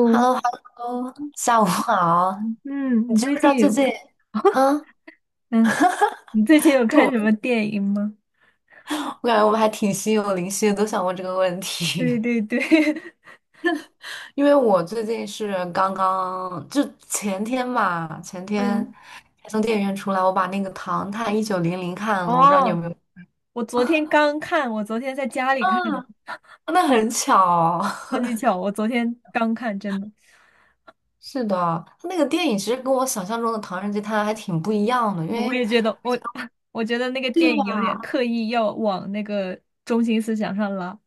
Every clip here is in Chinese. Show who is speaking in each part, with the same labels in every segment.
Speaker 1: h e l l o h e l l o 下午好。你
Speaker 2: 嗯，你
Speaker 1: 知不
Speaker 2: 最
Speaker 1: 知道
Speaker 2: 近
Speaker 1: 最
Speaker 2: 有
Speaker 1: 近，嗯，
Speaker 2: 嗯，你最近有
Speaker 1: 就
Speaker 2: 看
Speaker 1: 我
Speaker 2: 什么
Speaker 1: 们
Speaker 2: 电影吗？
Speaker 1: 我感觉我们还挺心有灵犀的，都想问这个问 题。
Speaker 2: 对对对，
Speaker 1: 因为我最近是刚刚，就前天吧，前 天
Speaker 2: 嗯，
Speaker 1: 才从电影院出来，我把那个《唐探1900》看了，我不知道你有
Speaker 2: 哦，
Speaker 1: 没有？
Speaker 2: 我昨天刚看，我昨天在家里
Speaker 1: 啊，
Speaker 2: 看的，
Speaker 1: 那很巧。
Speaker 2: 超级巧，我昨天刚看，真的，
Speaker 1: 是的，他那个电影其实跟我想象中的《唐人街探案》还挺不一样的，因
Speaker 2: 我
Speaker 1: 为
Speaker 2: 也觉得我 我觉得那个
Speaker 1: 对
Speaker 2: 电影有点
Speaker 1: 吧？
Speaker 2: 刻意要往那个中心思想上拉，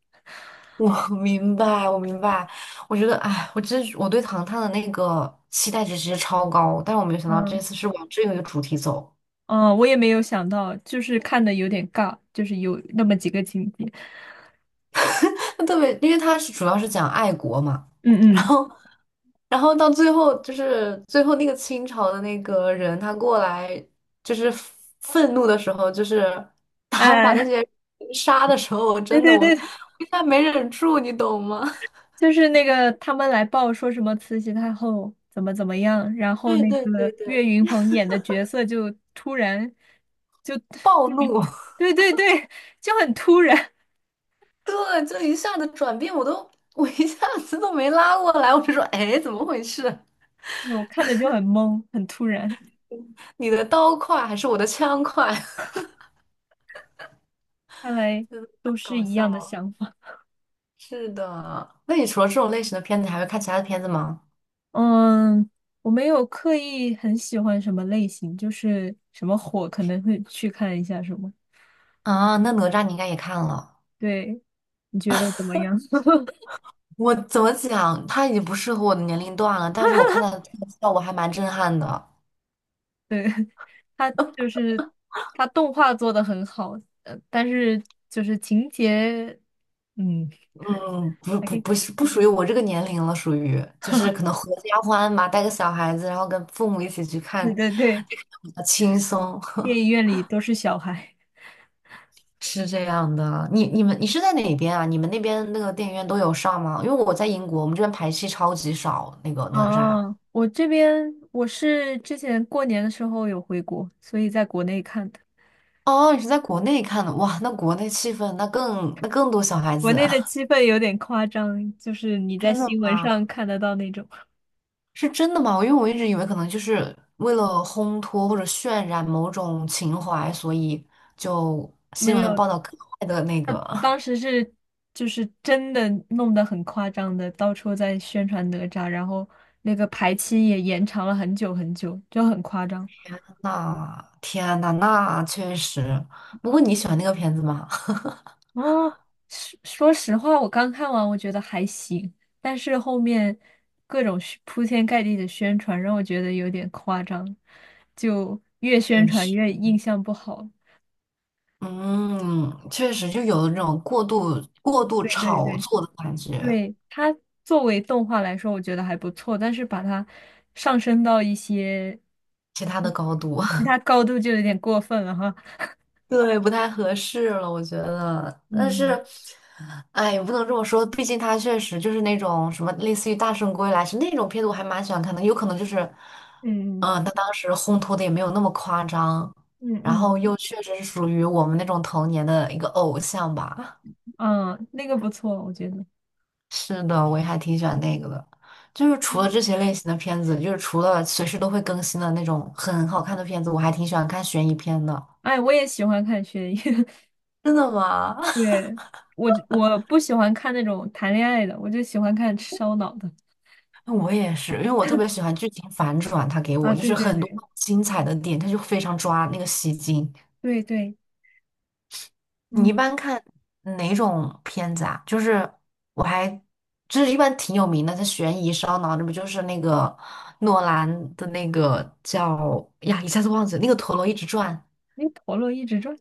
Speaker 1: 我 明白，我明白。我觉得，哎，我真是我对糖糖的那个期待值其实超高，但是我没有想到这
Speaker 2: 嗯，
Speaker 1: 次是往这个主题走。
Speaker 2: 哦，我也没有想到，就是看的有点尬，就是有那么几个情节，
Speaker 1: 特别，因为它是主要是讲爱国嘛，
Speaker 2: 嗯
Speaker 1: 然
Speaker 2: 嗯，
Speaker 1: 后，然后到最后就是最后那个清朝的那个人他过来就是愤怒的时候，就是他把那
Speaker 2: 哎，
Speaker 1: 些人杀的时候，我
Speaker 2: 对
Speaker 1: 真的，
Speaker 2: 对
Speaker 1: 我
Speaker 2: 对，
Speaker 1: 一下没忍住，你懂吗？
Speaker 2: 就是那个他们来报说什么慈禧太后怎么怎么样，然 后
Speaker 1: 对
Speaker 2: 那
Speaker 1: 对对
Speaker 2: 个
Speaker 1: 对，
Speaker 2: 岳云鹏演的角色就突然就，
Speaker 1: 暴怒。
Speaker 2: 对对对，就很突然，
Speaker 1: 对，就一下子转变，我一下子都没拉过来，我就说，哎，怎么回事？
Speaker 2: 我看的就很懵，很突然。
Speaker 1: 你的刀快还是我的枪快？
Speaker 2: 看来
Speaker 1: 真的太
Speaker 2: 都是
Speaker 1: 搞
Speaker 2: 一
Speaker 1: 笑
Speaker 2: 样的
Speaker 1: 了。
Speaker 2: 想法。
Speaker 1: 是的，那你除了这种类型的片子，还会看其他的片子吗？
Speaker 2: 嗯，我没有刻意很喜欢什么类型，就是什么火可能会去看一下什么。
Speaker 1: 啊，那哪吒你应该也看了。
Speaker 2: 对，你觉得怎么样？
Speaker 1: 我怎么讲，它已经不适合我的年龄段了，但是我看它的特效，我还蛮震撼的。
Speaker 2: 对。它就是它动画做的很好，但是就是情节，嗯，
Speaker 1: 嗯，不
Speaker 2: 还可
Speaker 1: 不
Speaker 2: 以。
Speaker 1: 不是不属于我这个年龄了，属于就是可能合家欢嘛，带个小孩子，然后跟父母一起去看，
Speaker 2: 对对对，
Speaker 1: 就看得比较轻松。
Speaker 2: 电影院里都是小孩。
Speaker 1: 是这样的，你是在哪边啊？你们那边那个电影院都有上吗？因为我在英国，我们这边排戏超级少，那个哪吒。
Speaker 2: 啊，我这边我是之前过年的时候有回国，所以在国内看的。
Speaker 1: 哦，你是在国内看的，哇，那国内气氛那更多小孩
Speaker 2: 国
Speaker 1: 子
Speaker 2: 内的
Speaker 1: 啊，
Speaker 2: 气氛有点夸张，就是你 在
Speaker 1: 真的
Speaker 2: 新闻上
Speaker 1: 吗？
Speaker 2: 看得到那种。
Speaker 1: 是真的吗？因为我一直以为可能就是为了烘托或者渲染某种情怀，所以就新
Speaker 2: 没
Speaker 1: 闻
Speaker 2: 有，
Speaker 1: 报道格外的那
Speaker 2: 那
Speaker 1: 个。
Speaker 2: 当时是就是真的弄得很夸张的，到处在宣传哪吒，然后那个排期也延长了很久很久，就很夸张。
Speaker 1: 那天呐，那确实。不过你喜欢那个片子吗？
Speaker 2: 哦，说实话，我刚看完我觉得还行，但是后面各种宣铺天盖地的宣传让我觉得有点夸张，就越宣
Speaker 1: 确
Speaker 2: 传
Speaker 1: 实。
Speaker 2: 越印象不好。
Speaker 1: 嗯，确实就有那种过度
Speaker 2: 对对
Speaker 1: 炒
Speaker 2: 对。
Speaker 1: 作的感觉，
Speaker 2: 对，它作为动画来说，我觉得还不错，但是把它上升到一些
Speaker 1: 其他的
Speaker 2: 嗯
Speaker 1: 高度，
Speaker 2: 其他高度就有点过分了哈。
Speaker 1: 对，不太合适了，我觉得。但
Speaker 2: 嗯
Speaker 1: 是，哎，也不能这么说，毕竟他确实就是那种什么类似于《大圣归来》是那种片子，我还蛮喜欢看的。有可能就是，
Speaker 2: 嗯
Speaker 1: 嗯，他当时烘托的也没有那么夸张，
Speaker 2: 嗯
Speaker 1: 然
Speaker 2: 嗯
Speaker 1: 后又确实是属于我们那种童年的一个偶像吧。
Speaker 2: 嗯。那个不错，我觉得。
Speaker 1: 是的，我也还挺喜欢那个的。就是除了这些类型的片子，就是除了随时都会更新的那种很好看的片子，我还挺喜欢看悬疑片的。
Speaker 2: 哎，我也喜欢看悬疑，
Speaker 1: 真的吗？
Speaker 2: 对，我不喜欢看那种谈恋爱的，我就喜欢看烧脑的。
Speaker 1: 我也是，因为我特别喜欢剧情反转，它给
Speaker 2: 啊，
Speaker 1: 我就是
Speaker 2: 对对
Speaker 1: 很多精彩的点，它就非常抓那个吸睛。
Speaker 2: 对对，
Speaker 1: 你
Speaker 2: 嗯，
Speaker 1: 一般看哪种片子啊？就是我还就是一般挺有名的，它悬疑烧脑，那不就是那个诺兰的那个叫呀，一下子忘记了那个陀螺一直转。
Speaker 2: 那陀螺一直转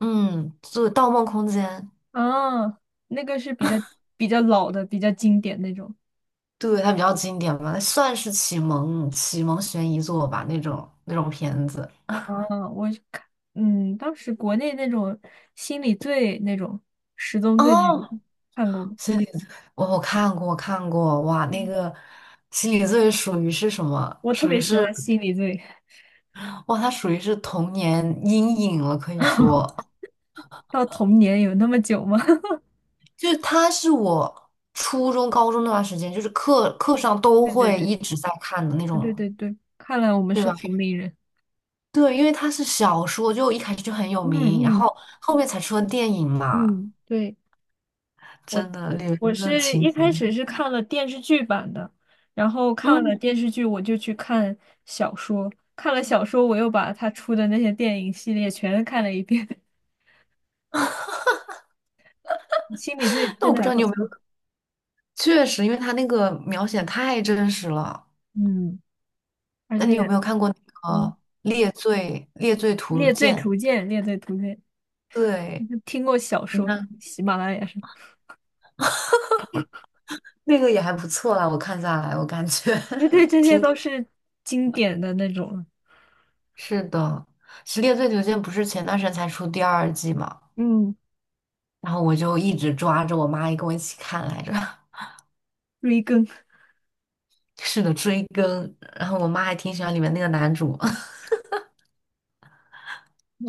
Speaker 1: 嗯，就盗梦空间》，
Speaker 2: 啊，那个是比较老的，比较经典那种。
Speaker 1: 对，它比较经典吧，算是启蒙悬疑作吧，那种片子。
Speaker 2: 啊，我是看，当时国内那种心理罪那种十宗罪那
Speaker 1: 哦，
Speaker 2: 种看过吗？
Speaker 1: 心理 罪，我看过，我看过，哇，那
Speaker 2: 嗯
Speaker 1: 个心理罪属于是什么？
Speaker 2: 我特
Speaker 1: 属
Speaker 2: 别
Speaker 1: 于
Speaker 2: 喜
Speaker 1: 是，
Speaker 2: 欢心理罪，
Speaker 1: 哇，它属于是童年阴影了，可以说，
Speaker 2: 到童年有那么久吗？
Speaker 1: 就是它是我初中、高中那段时间，就是课上都
Speaker 2: 对对
Speaker 1: 会
Speaker 2: 对，
Speaker 1: 一直在看的那种，
Speaker 2: 对对对，看来我们
Speaker 1: 对
Speaker 2: 是
Speaker 1: 吧？
Speaker 2: 同龄人。
Speaker 1: 对，因为它是小说，就一开始就很有
Speaker 2: 嗯
Speaker 1: 名，然
Speaker 2: 嗯
Speaker 1: 后后面才出了电影嘛。
Speaker 2: 嗯，对，
Speaker 1: 真的，里
Speaker 2: 我
Speaker 1: 面的
Speaker 2: 是
Speaker 1: 情
Speaker 2: 一
Speaker 1: 节，
Speaker 2: 开始是看了电视剧版的，然后看了
Speaker 1: 嗯，
Speaker 2: 电视剧我就去看小说，看了小说我又把他出的那些电影系列全看了一遍，心理罪
Speaker 1: 但
Speaker 2: 真
Speaker 1: 我
Speaker 2: 的
Speaker 1: 不知
Speaker 2: 还
Speaker 1: 道
Speaker 2: 不
Speaker 1: 你有
Speaker 2: 错。
Speaker 1: 没有，确实，因为他那个描写太真实了。
Speaker 2: 嗯。而
Speaker 1: 那你
Speaker 2: 且，
Speaker 1: 有没有看过那个
Speaker 2: 嗯，
Speaker 1: 《猎罪图
Speaker 2: 《猎罪
Speaker 1: 鉴》？
Speaker 2: 图鉴》《猎罪图鉴》，
Speaker 1: 对，
Speaker 2: 听过小
Speaker 1: 你
Speaker 2: 说，
Speaker 1: 看
Speaker 2: 喜马拉雅上，
Speaker 1: 那个也还不错啦，我看下来，我感觉
Speaker 2: 因为对 这些都是经典的那种了
Speaker 1: 是的。其实《猎罪图鉴》不是前段时间才出第2季嘛，
Speaker 2: 嗯，
Speaker 1: 然后我就一直抓着我妈也跟我一起看来着，
Speaker 2: 追更。
Speaker 1: 是的，追更。然后我妈还挺喜欢里面那个男主，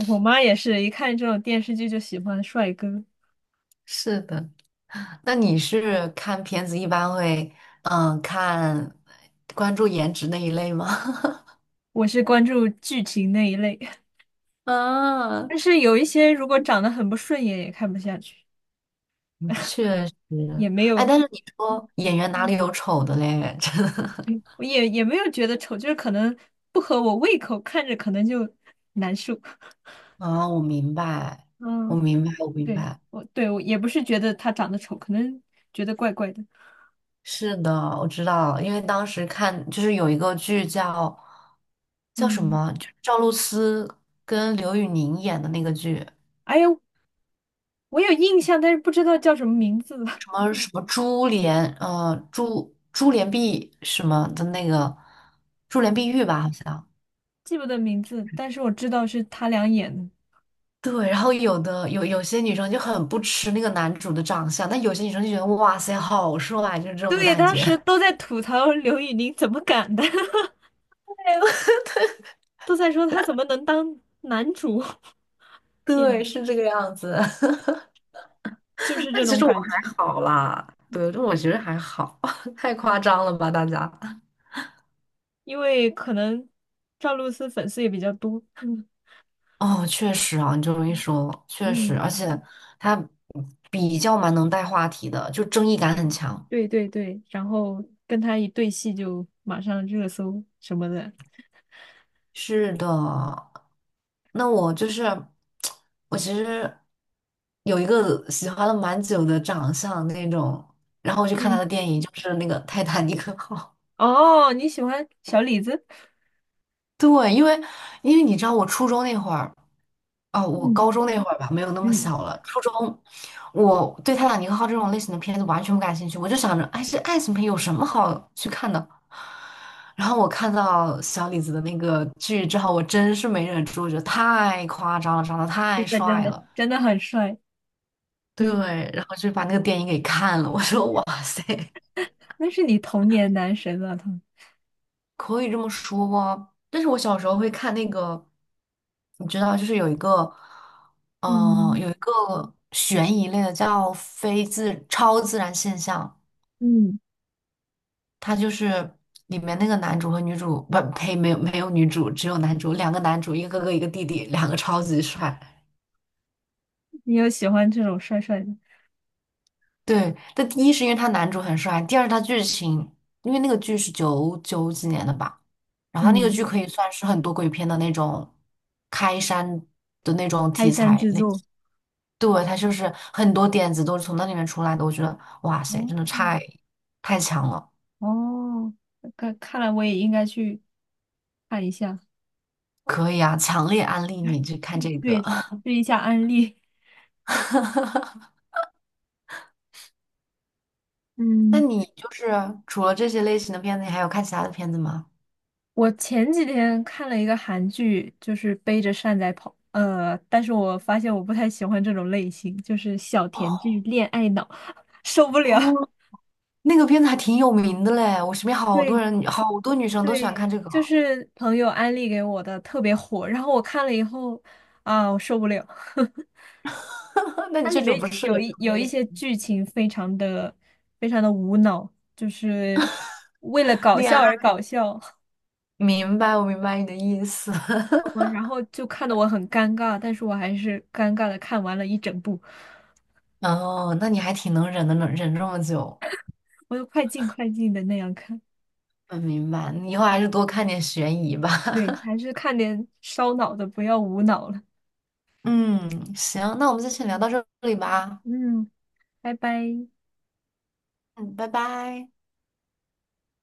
Speaker 2: 我妈也是一看这种电视剧就喜欢帅哥，
Speaker 1: 是的。那你是看片子一般会嗯看关注颜值那一类吗？
Speaker 2: 我是关注剧情那一类，
Speaker 1: 啊，
Speaker 2: 但是有一些如果长得很不顺眼也看不下去，
Speaker 1: 确实，
Speaker 2: 也没
Speaker 1: 哎，
Speaker 2: 有，
Speaker 1: 但是你说演员哪里
Speaker 2: 嗯，
Speaker 1: 有丑的嘞？真的
Speaker 2: 对，我也没有觉得丑，就是可能不合我胃口，看着可能就难受。
Speaker 1: 啊，我明白，我
Speaker 2: 嗯。
Speaker 1: 明白，我明
Speaker 2: 对，
Speaker 1: 白。
Speaker 2: 我对我也不是觉得他长得丑，可能觉得怪怪的。
Speaker 1: 是的，我知道，因为当时看就是有一个剧叫叫什
Speaker 2: 嗯，
Speaker 1: 么，就是赵露思跟刘宇宁演的那个剧。
Speaker 2: 哎呦，我有印象，但是不知道叫什么名字了，
Speaker 1: 什么什么珠帘，珠帘碧什么的那个珠 帘
Speaker 2: 嗯
Speaker 1: 碧玉吧，好像。
Speaker 2: 记不得名字，但是我知道是他俩演的。
Speaker 1: 对，然后有些女生就很不吃那个男主的长相，但有些女生就觉得哇塞，好帅，就是这种
Speaker 2: 对，
Speaker 1: 感
Speaker 2: 当
Speaker 1: 觉。
Speaker 2: 时都在吐槽刘宇宁怎么敢的，都在说他怎么能当男主。天
Speaker 1: 对，
Speaker 2: 啊，
Speaker 1: 对是这个样子。
Speaker 2: 就 是
Speaker 1: 但
Speaker 2: 这
Speaker 1: 其
Speaker 2: 种
Speaker 1: 实我
Speaker 2: 感觉，
Speaker 1: 还好啦，对，这我觉得还好，太夸张了吧，大家。
Speaker 2: 因为可能赵露思粉丝也比较多。
Speaker 1: 哦，确实啊，你这么一说，确实，
Speaker 2: 嗯，
Speaker 1: 而且他比较蛮能带话题的，就争议感很强。
Speaker 2: 对对对对，然后跟他一对戏就马上热搜什么的。
Speaker 1: 是的，那我就是 我其实有一个喜欢了蛮久的长相那种，然后我去看他
Speaker 2: 嗯，
Speaker 1: 的电影，就是那个《泰坦尼克号》。
Speaker 2: 哦，你喜欢小李子？
Speaker 1: 对，因为你知道，我初中那会儿。哦，我
Speaker 2: 嗯
Speaker 1: 高中那会儿吧，没有那么
Speaker 2: 嗯，
Speaker 1: 小了。初中，我对《泰坦尼克号》这种类型的片子完全不感兴趣，我就想着，哎，这爱情片有什么好去看的？然后我看到小李子的那个剧之后，我真是没忍住，我觉得太夸张了，长得太
Speaker 2: 真的真
Speaker 1: 帅
Speaker 2: 的，
Speaker 1: 了，
Speaker 2: 真的很帅，
Speaker 1: 对，
Speaker 2: 对，
Speaker 1: 然后就把那个电影给看了。我说，哇塞！
Speaker 2: 那是你童年男神了，他。
Speaker 1: 可以这么说，但是我小时候会看那个，你知道，就是有一个，
Speaker 2: 嗯
Speaker 1: 有一个悬疑类的叫非自超自然现象，
Speaker 2: 嗯，
Speaker 1: 它就是里面那个男主和女主，不呸，没有没有女主，只有男主，两个男主，一个哥哥一个弟弟，两个超级帅。
Speaker 2: 你有喜欢这种帅帅的？
Speaker 1: 对，但第一是因为他男主很帅，第二他剧情，因为那个剧是九九几年的吧，然后他那个剧
Speaker 2: 嗯，
Speaker 1: 可以算是很多鬼片的那种开山的那种
Speaker 2: 开
Speaker 1: 题
Speaker 2: 山
Speaker 1: 材
Speaker 2: 之
Speaker 1: 类
Speaker 2: 作，
Speaker 1: 型对，他就是很多点子都是从那里面出来的，我觉得哇塞，
Speaker 2: 哦
Speaker 1: 真的太强了，
Speaker 2: 哦，看来我也应该去看一下，
Speaker 1: 可以啊，强烈安利你去看这
Speaker 2: 对，
Speaker 1: 个。
Speaker 2: 试一下安利。
Speaker 1: 那
Speaker 2: 嗯
Speaker 1: 你就是除了这些类型的片子，你还有看其他的片子吗？
Speaker 2: 我前几天看了一个韩剧，就是背着扇在跑，但是我发现我不太喜欢这种类型，就是小甜剧、
Speaker 1: 哦，
Speaker 2: 恋爱脑受不了。
Speaker 1: 那个片子还挺有名的嘞，我身边好多
Speaker 2: 对
Speaker 1: 人，好多女生都喜欢
Speaker 2: 对，
Speaker 1: 看这个。
Speaker 2: 就是朋友安利给我的，特别火。然后我看了以后，啊，我受不了。
Speaker 1: 那
Speaker 2: 它
Speaker 1: 你
Speaker 2: 里
Speaker 1: 确实不
Speaker 2: 面
Speaker 1: 适合
Speaker 2: 有
Speaker 1: 这
Speaker 2: 一
Speaker 1: 种
Speaker 2: 有
Speaker 1: 类
Speaker 2: 一
Speaker 1: 型，
Speaker 2: 些剧情非常的无脑，就是为了搞
Speaker 1: 恋
Speaker 2: 笑而
Speaker 1: 爱。
Speaker 2: 搞笑，
Speaker 1: 明白，我明白你的意思。
Speaker 2: 嗯，然后就看得我很尴尬，但是我还是尴尬的看完了一整部，
Speaker 1: 哦，那你还挺能忍的，能忍这么久。
Speaker 2: 我就快进快进的那样看。
Speaker 1: 嗯，明白。你以后还是多看点悬疑吧。
Speaker 2: 对，还是看点烧脑的，不要无脑了。
Speaker 1: 嗯，行，那我们就先聊
Speaker 2: 嗯
Speaker 1: 到这里吧。
Speaker 2: 嗯，拜拜。
Speaker 1: 嗯，拜拜。